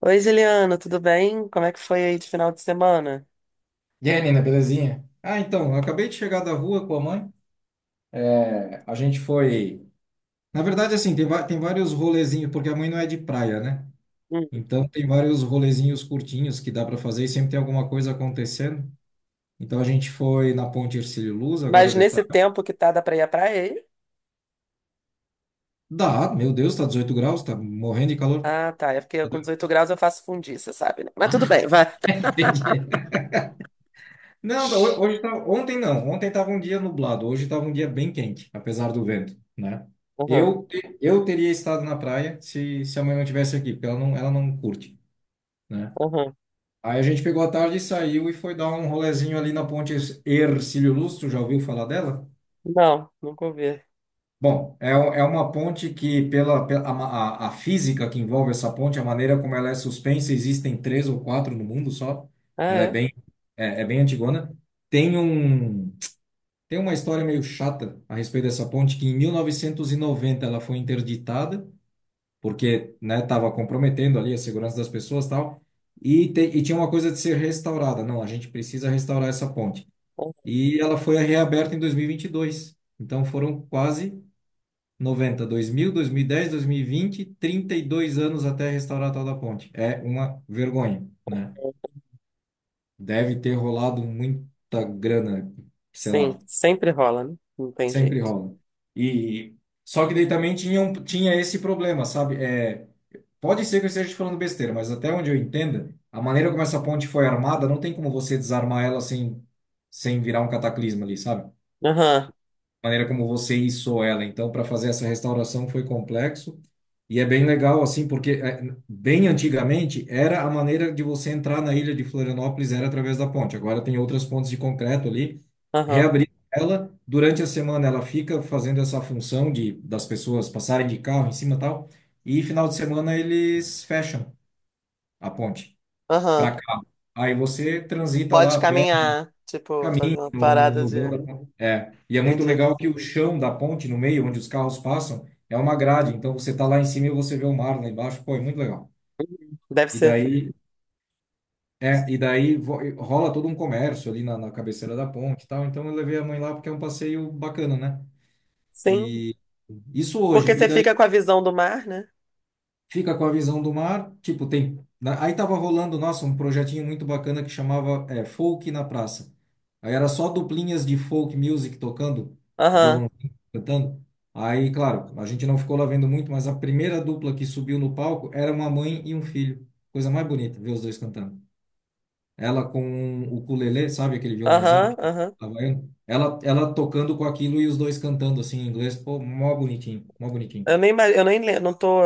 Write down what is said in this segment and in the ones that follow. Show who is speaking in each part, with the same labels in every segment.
Speaker 1: Oi, Juliana, tudo bem? Como é que foi aí de final de semana?
Speaker 2: E aí, Nina, belezinha? Ah, então, eu acabei de chegar da rua com a mãe. É, a gente foi. Na verdade, assim, tem vários rolezinhos, porque a mãe não é de praia, né?
Speaker 1: Hum.
Speaker 2: Então, tem vários rolezinhos curtinhos que dá para fazer e sempre tem alguma coisa acontecendo. Então, a gente foi na Ponte Hercílio Luz, agora
Speaker 1: Mas
Speaker 2: de
Speaker 1: nesse
Speaker 2: tarde.
Speaker 1: tempo que tá, dá pra ir à praia aí?
Speaker 2: Dá, meu Deus, tá 18 graus, tá morrendo de calor.
Speaker 1: Ah, tá. É porque
Speaker 2: Tá
Speaker 1: com
Speaker 2: doido.
Speaker 1: 18 graus eu faço fundiça, sabe? Né? Mas tudo bem, vai.
Speaker 2: Ah, entendi. Não, hoje tá, ontem não. Ontem tava um dia nublado. Hoje tava um dia bem quente, apesar do vento, né?
Speaker 1: Aham,
Speaker 2: Eu teria estado na praia se a mãe não tivesse aqui, porque ela não curte, né?
Speaker 1: aham.
Speaker 2: Aí a gente pegou a tarde e saiu e foi dar um rolezinho ali na ponte Hercílio Luz. Tu já ouviu falar dela?
Speaker 1: Não, nunca ouvi.
Speaker 2: Bom, é uma ponte que, a física que envolve essa ponte, a maneira como ela é suspensa, existem três ou quatro no mundo só.
Speaker 1: Ah,
Speaker 2: Ela é
Speaker 1: é?
Speaker 2: é bem antigona. Tem um. Tem uma história meio chata a respeito dessa ponte, que em 1990 ela foi interditada, porque, né, estava comprometendo ali a segurança das pessoas e tal, e tinha uma coisa de ser restaurada. Não, a gente precisa restaurar essa ponte.
Speaker 1: Aham.
Speaker 2: E ela foi reaberta em 2022. Então foram quase 90, 2000, 2010, 2020, 32 anos até restaurar a tal da ponte. É uma vergonha, né? Deve ter rolado muita grana, sei
Speaker 1: Sim,
Speaker 2: lá.
Speaker 1: sempre rola, né? Não tem
Speaker 2: Sempre
Speaker 1: jeito.
Speaker 2: rola. E só que daí também tinha esse problema, sabe? É, pode ser que eu esteja te falando besteira, mas até onde eu entenda, a maneira como essa ponte foi armada, não tem como você desarmar ela sem, sem virar um cataclisma ali, sabe?
Speaker 1: Aham,
Speaker 2: Maneira como você içou ela. Então, para fazer essa restauração foi complexo e é bem legal assim, porque é, bem antigamente era a maneira de você entrar na ilha de Florianópolis era através da ponte. Agora tem outras pontes de concreto ali.
Speaker 1: aham,
Speaker 2: Reabrir ela durante a semana, ela fica fazendo essa função de das pessoas passarem de carro em cima e tal, e final de semana eles fecham a ponte
Speaker 1: aham.
Speaker 2: para carro. Aí você transita lá
Speaker 1: Pode
Speaker 2: a pé,
Speaker 1: caminhar, tipo, fazer
Speaker 2: caminho
Speaker 1: uma parada
Speaker 2: no
Speaker 1: de.
Speaker 2: vão da ponte. É, e é muito
Speaker 1: Entendi.
Speaker 2: legal que o chão da ponte, no meio, onde os carros passam, é uma grade. Então você tá lá em cima e você vê o mar lá embaixo. Pô, é muito legal.
Speaker 1: Uhum. Deve
Speaker 2: E
Speaker 1: ser.
Speaker 2: daí, é, rola todo um comércio ali na cabeceira da ponte e tal. Então eu levei a mãe lá porque é um passeio bacana, né?
Speaker 1: Sim,
Speaker 2: E isso hoje.
Speaker 1: porque
Speaker 2: E
Speaker 1: você
Speaker 2: daí
Speaker 1: fica com a visão do mar, né?
Speaker 2: fica com a visão do mar, tipo, tem. Aí tava rolando, nossa, um projetinho muito bacana que chamava é, Folk na Praça. Aí era só duplinhas de folk music tocando,
Speaker 1: Aham,
Speaker 2: violão cantando. Aí, claro, a gente não ficou lá vendo muito, mas a primeira dupla que subiu no palco era uma mãe e um filho. Coisa mais bonita, ver os dois cantando. Ela com o ukulele, sabe aquele violãozinho
Speaker 1: aham,
Speaker 2: pequeno,
Speaker 1: aham.
Speaker 2: havaiano? Ela tocando com aquilo e os dois cantando assim em inglês. Pô, mó bonitinho, mó bonitinho.
Speaker 1: Eu nem, ima- eu nem lem- não tô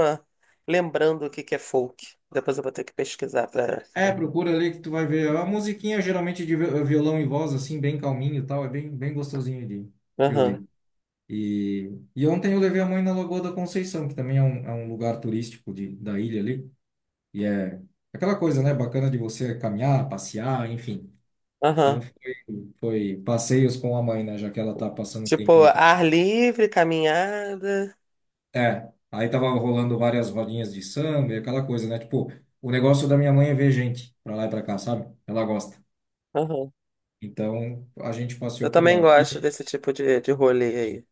Speaker 1: lembrando o que que é folk. Depois eu vou ter que pesquisar pra.
Speaker 2: É, procura ali que tu vai ver. É uma musiquinha geralmente de violão e voz, assim, bem calminho e tal. É bem, bem gostosinho de
Speaker 1: Aham,
Speaker 2: ouvir. E ontem eu levei a mãe na Lagoa da Conceição, que também é um lugar turístico de, da ilha ali. E é aquela coisa, né? Bacana de você caminhar, passear, enfim. Então
Speaker 1: aham.
Speaker 2: foi, foi passeios com a mãe, né? Já que ela tá passando um
Speaker 1: Tipo,
Speaker 2: tempinho aqui.
Speaker 1: ar livre, caminhada.
Speaker 2: É, aí tava rolando várias rodinhas de samba e aquela coisa, né? Tipo, o negócio da minha mãe é ver gente pra lá e pra cá, sabe? Ela gosta.
Speaker 1: Aham.
Speaker 2: Então, a gente
Speaker 1: Eu
Speaker 2: passeou por
Speaker 1: também
Speaker 2: lá. E-
Speaker 1: gosto desse tipo de rolê aí.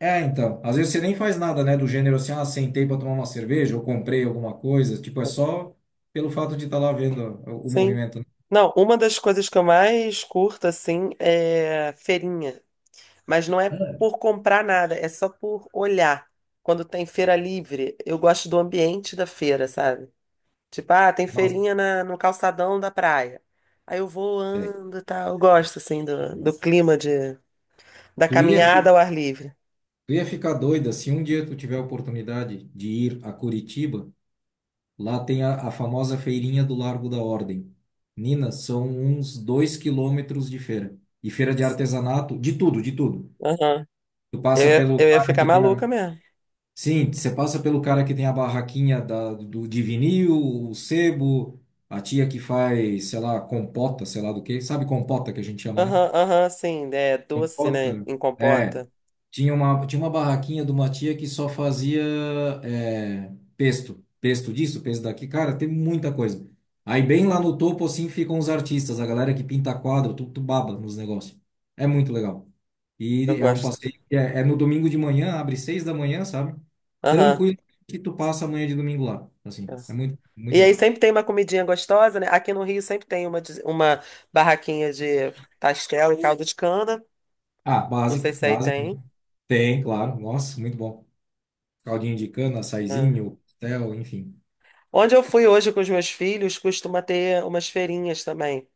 Speaker 2: É, então, às vezes você nem faz nada, né, do gênero assim, ah, sentei para tomar uma cerveja ou comprei alguma coisa, tipo, é só pelo fato de estar lá vendo o
Speaker 1: Sim.
Speaker 2: movimento.
Speaker 1: Não, uma das coisas que eu mais curto, assim, é feirinha. Mas não é
Speaker 2: É.
Speaker 1: por comprar nada, é só por olhar. Quando tem feira livre, eu gosto do ambiente da feira, sabe? Tipo, ah, tem
Speaker 2: Nossa,
Speaker 1: feirinha no calçadão da praia. Aí eu vou,
Speaker 2: é.
Speaker 1: ando e tal. Eu gosto, assim, do clima da
Speaker 2: Tu ia,
Speaker 1: caminhada
Speaker 2: fi-
Speaker 1: ao ar livre.
Speaker 2: tu ia ficar doida se um dia tu tiver a oportunidade de ir a Curitiba, lá tem a famosa feirinha do Largo da Ordem. Nina, são uns 2 quilômetros de feira. E feira de artesanato, de tudo, de tudo.
Speaker 1: Aham.
Speaker 2: Tu
Speaker 1: Eu,
Speaker 2: passa
Speaker 1: ia-
Speaker 2: pelo
Speaker 1: eu ia
Speaker 2: cara
Speaker 1: ficar
Speaker 2: que tem a.
Speaker 1: maluca mesmo.
Speaker 2: Sim, você passa pelo cara que tem a barraquinha de vinil, o sebo, a tia que faz, sei lá, compota, sei lá do que. Sabe compota que a gente chama, né?
Speaker 1: Aham, aham, sim. É doce, né?
Speaker 2: Compota.
Speaker 1: Em
Speaker 2: É.
Speaker 1: compota.
Speaker 2: Tinha uma barraquinha de uma tia que só fazia é, pesto. Pesto disso, pesto daqui. Cara, tem muita coisa. Aí bem lá no topo, assim, ficam os artistas, a galera que pinta quadro, tu baba nos negócios. É muito legal.
Speaker 1: Eu
Speaker 2: E é um
Speaker 1: gosto.
Speaker 2: passeio que é no domingo de manhã, abre 6 da manhã, sabe?
Speaker 1: Aham.
Speaker 2: Tranquilo que tu passa a manhã de domingo lá.
Speaker 1: É.
Speaker 2: Assim, é muito, muito
Speaker 1: E aí
Speaker 2: bom.
Speaker 1: sempre tem uma comidinha gostosa, né? Aqui no Rio sempre tem uma barraquinha de pastel e caldo de cana.
Speaker 2: Ah,
Speaker 1: Não sei
Speaker 2: básico,
Speaker 1: se aí
Speaker 2: básico. Né?
Speaker 1: tem.
Speaker 2: Tem, claro. Nossa, muito bom. Caldinho de cana,
Speaker 1: É.
Speaker 2: açaizinho, pastel, enfim.
Speaker 1: Onde eu fui hoje com os meus filhos, costuma ter umas feirinhas também.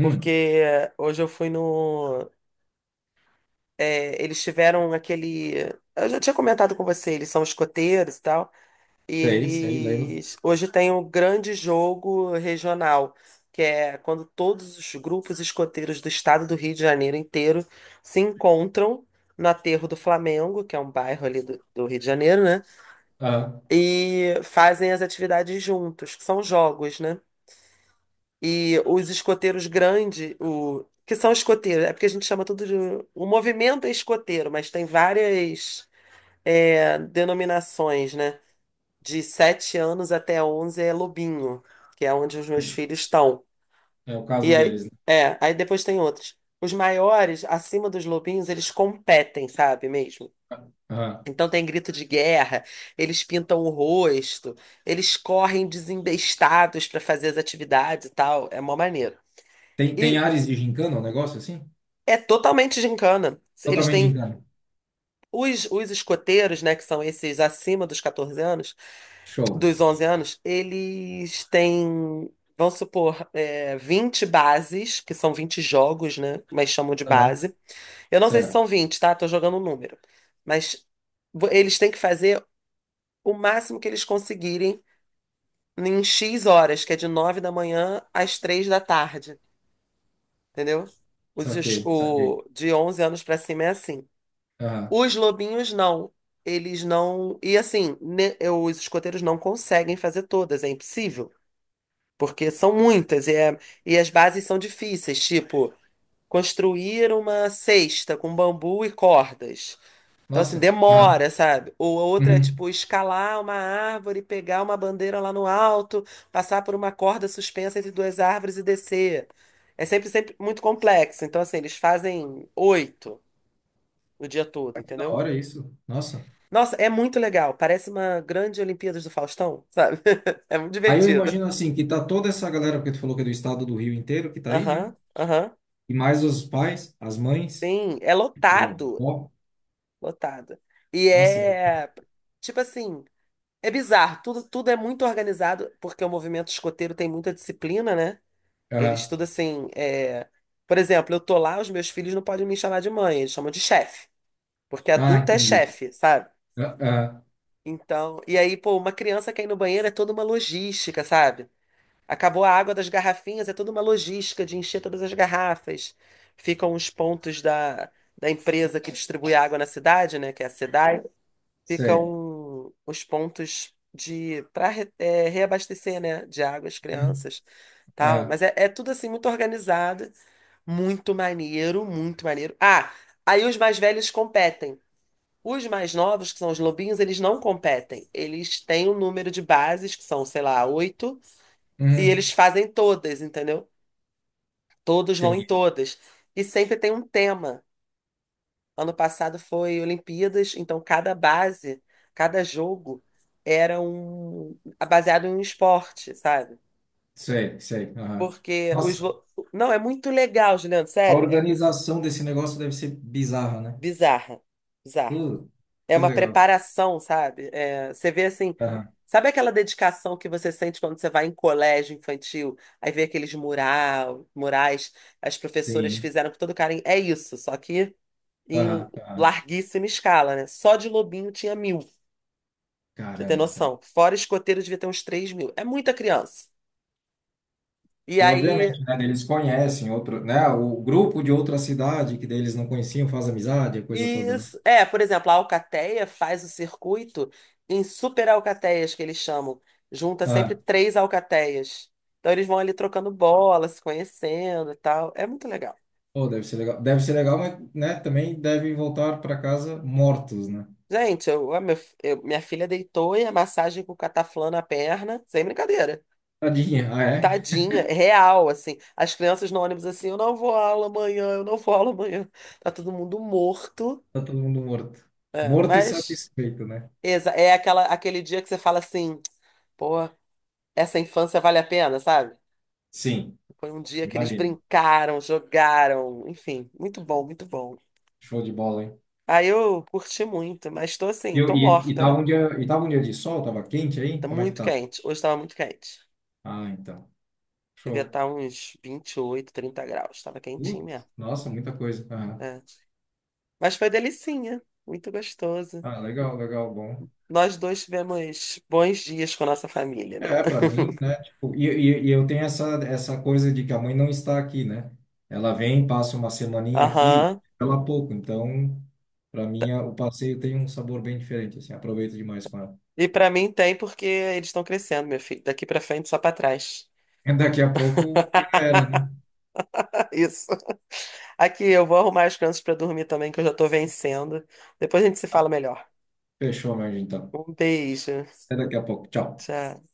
Speaker 1: Porque hoje eu fui no. Eles tiveram aquele. Eu já tinha comentado com você, eles são escoteiros e tal. E
Speaker 2: sei, sei, lembro.
Speaker 1: eles. Hoje tem um grande jogo regional, que é quando todos os grupos escoteiros do estado do Rio de Janeiro inteiro se encontram no Aterro do Flamengo, que é um bairro ali do Rio de Janeiro, né?
Speaker 2: Aham.
Speaker 1: E fazem as atividades juntos, que são jogos, né? E os escoteiros grandes, o que são escoteiros, é porque a gente chama tudo de. O movimento é escoteiro, mas tem várias denominações, né? De 7 anos até 11 é lobinho, que é onde os meus filhos estão.
Speaker 2: É o
Speaker 1: E
Speaker 2: caso
Speaker 1: aí,
Speaker 2: deles, né?
Speaker 1: aí depois tem outros. Os maiores, acima dos lobinhos, eles competem, sabe mesmo?
Speaker 2: Aham.
Speaker 1: Então tem grito de guerra, eles pintam o rosto, eles correm desembestados para fazer as atividades e tal. É mó maneiro.
Speaker 2: Tem, tem
Speaker 1: E
Speaker 2: ares de gincana, um negócio assim?
Speaker 1: É totalmente gincana. Eles
Speaker 2: Totalmente
Speaker 1: têm
Speaker 2: gincana.
Speaker 1: os escoteiros, né, que são esses acima dos 14 anos,
Speaker 2: Show.
Speaker 1: dos 11 anos, eles têm, vamos supor, 20 bases, que são 20 jogos, né, mas chamam de
Speaker 2: Aham.
Speaker 1: base. Eu não sei se
Speaker 2: Certo.
Speaker 1: são 20, tá? Tô jogando um número. Mas eles têm que fazer o máximo que eles conseguirem em X horas, que é de 9 da manhã às 3 da tarde, entendeu? Os, os-
Speaker 2: Saquei, saquei.
Speaker 1: o, de 11 anos pra cima é assim.
Speaker 2: Aham.
Speaker 1: Os lobinhos não. Eles não. E assim, os escoteiros não conseguem fazer todas, é impossível. Porque são muitas e as bases são difíceis, tipo, construir uma cesta com bambu e cordas. Então, assim,
Speaker 2: Nossa. Aham.
Speaker 1: demora, sabe? Ou a outra é,
Speaker 2: Uhum.
Speaker 1: tipo, escalar uma árvore, pegar uma bandeira lá no alto, passar por uma corda suspensa entre duas árvores e descer. É sempre, sempre muito complexo. Então, assim, eles fazem oito no dia todo,
Speaker 2: Que da
Speaker 1: entendeu?
Speaker 2: hora isso. Nossa.
Speaker 1: Nossa, é muito legal. Parece uma grande Olimpíadas do Faustão, sabe? É muito
Speaker 2: Aí eu
Speaker 1: divertido.
Speaker 2: imagino assim, que tá toda essa galera, porque tu falou que é do estado do Rio inteiro, que tá aí, né?
Speaker 1: Aham, aham.
Speaker 2: E mais os pais, as mães,
Speaker 1: Sim, é
Speaker 2: o
Speaker 1: lotado,
Speaker 2: avô.
Speaker 1: lotado. E
Speaker 2: Nossa. Deve-
Speaker 1: é, tipo assim, é bizarro. Tudo, tudo é muito organizado, porque o movimento escoteiro tem muita disciplina, né? Ele
Speaker 2: Aham.
Speaker 1: estuda assim, é... Por exemplo, eu tô lá, os meus filhos não podem me chamar de mãe, eles chamam de chefe, porque
Speaker 2: Ah,
Speaker 1: adulto é
Speaker 2: entendi.
Speaker 1: chefe, sabe?
Speaker 2: Ah, ah.
Speaker 1: Então, e aí, pô, uma criança cair no banheiro é toda uma logística, sabe? Acabou a água das garrafinhas, é toda uma logística de encher todas as garrafas. Ficam os pontos da empresa que distribui água na cidade, né, que é a SEDAI,
Speaker 2: Sei.
Speaker 1: ficam os pontos de para reabastecer, né, de água as
Speaker 2: Uhum.
Speaker 1: crianças, tal.
Speaker 2: Ah.
Speaker 1: Mas é tudo assim muito organizado, muito maneiro, muito maneiro. Ah, aí os mais velhos competem. Os mais novos, que são os lobinhos, eles não competem. Eles têm um número de bases, que são, sei lá, oito e
Speaker 2: Uhum.
Speaker 1: eles fazem todas, entendeu? Todos vão em
Speaker 2: Entendi.
Speaker 1: todas. E sempre tem um tema. Ano passado foi Olimpíadas, então cada base, cada jogo era um baseado em um esporte, sabe?
Speaker 2: Sei, sei. Aham.
Speaker 1: Porque os
Speaker 2: Nossa.
Speaker 1: lo- não é muito legal, Juliano,
Speaker 2: A
Speaker 1: sério, é
Speaker 2: organização desse negócio deve ser bizarra, né?
Speaker 1: bizarra, bizarra.
Speaker 2: Pô,
Speaker 1: É
Speaker 2: que
Speaker 1: uma
Speaker 2: legal.
Speaker 1: preparação, sabe? É, você vê assim,
Speaker 2: Aham,
Speaker 1: sabe aquela dedicação que você sente quando você vai em colégio infantil, aí vê aqueles murais, as professoras
Speaker 2: sim.
Speaker 1: fizeram com todo carinho. É isso, só que em
Speaker 2: Aham, aham.
Speaker 1: larguíssima escala, né? Só de Lobinho tinha 1.000, pra você ter
Speaker 2: Caramba, cara.
Speaker 1: noção. Fora escoteiro devia ter uns 3.000. É muita criança. E
Speaker 2: E
Speaker 1: aí
Speaker 2: obviamente, né, eles conhecem outro, né, o grupo de outra cidade que daí eles não conheciam, faz amizade, a coisa toda, né?
Speaker 1: Isso. É, por exemplo, a alcateia faz o circuito em super alcateias, que eles chamam. Junta sempre
Speaker 2: Ah,
Speaker 1: três alcateias. Então eles vão ali trocando bola, se conhecendo e tal. É muito legal.
Speaker 2: pô, deve ser legal. Deve ser legal, mas, né, também devem voltar para casa mortos, né?
Speaker 1: Gente, eu, a meu- eu- minha filha deitou e a massagem com cataflã na perna, sem brincadeira.
Speaker 2: Tadinha, ah, é?
Speaker 1: Tadinha, é real, assim. As crianças no ônibus assim, eu não vou à aula amanhã, eu não vou à aula amanhã. Tá todo mundo morto.
Speaker 2: Tá todo mundo morto.
Speaker 1: É,
Speaker 2: Morto e
Speaker 1: mas
Speaker 2: satisfeito, né?
Speaker 1: é aquele dia que você fala assim, pô, essa infância vale a pena, sabe?
Speaker 2: Sim,
Speaker 1: Foi um dia que eles
Speaker 2: imagina.
Speaker 1: brincaram, jogaram, enfim, muito bom, muito bom.
Speaker 2: Show de bola, hein?
Speaker 1: Aí eu curti muito, mas tô assim, tô
Speaker 2: E
Speaker 1: morta,
Speaker 2: tava
Speaker 1: né?
Speaker 2: um dia, e tava um dia de sol, tava quente
Speaker 1: Tá
Speaker 2: aí? Como é que
Speaker 1: muito
Speaker 2: tava?
Speaker 1: quente. Hoje tava muito quente.
Speaker 2: Ah, então.
Speaker 1: Devia
Speaker 2: Show.
Speaker 1: estar uns 28, 30 graus. Tava quentinho mesmo.
Speaker 2: Putz, nossa, muita coisa. Aham.
Speaker 1: É. Mas foi delicinha, muito gostoso.
Speaker 2: Ah, legal, legal, bom.
Speaker 1: Nós dois tivemos bons dias com a nossa família, né?
Speaker 2: É, pra mim, né? Tipo, e eu tenho essa coisa de que a mãe não está aqui, né? Ela vem, passa uma semaninha aqui,
Speaker 1: Aham.
Speaker 2: ela pouco. Então, pra mim,
Speaker 1: Da-
Speaker 2: o passeio tem um sabor bem diferente, assim, aproveito demais com ela.
Speaker 1: E pra mim tem porque eles estão crescendo, meu filho. Daqui pra frente, só pra trás.
Speaker 2: Daqui a pouco já era, né?
Speaker 1: Isso. Aqui, eu vou arrumar as crianças pra dormir também, que eu já tô vencendo. Depois a gente se fala melhor.
Speaker 2: Fechou, mas então.
Speaker 1: Um beijo.
Speaker 2: Até daqui a pouco. Tchau.
Speaker 1: Tchau.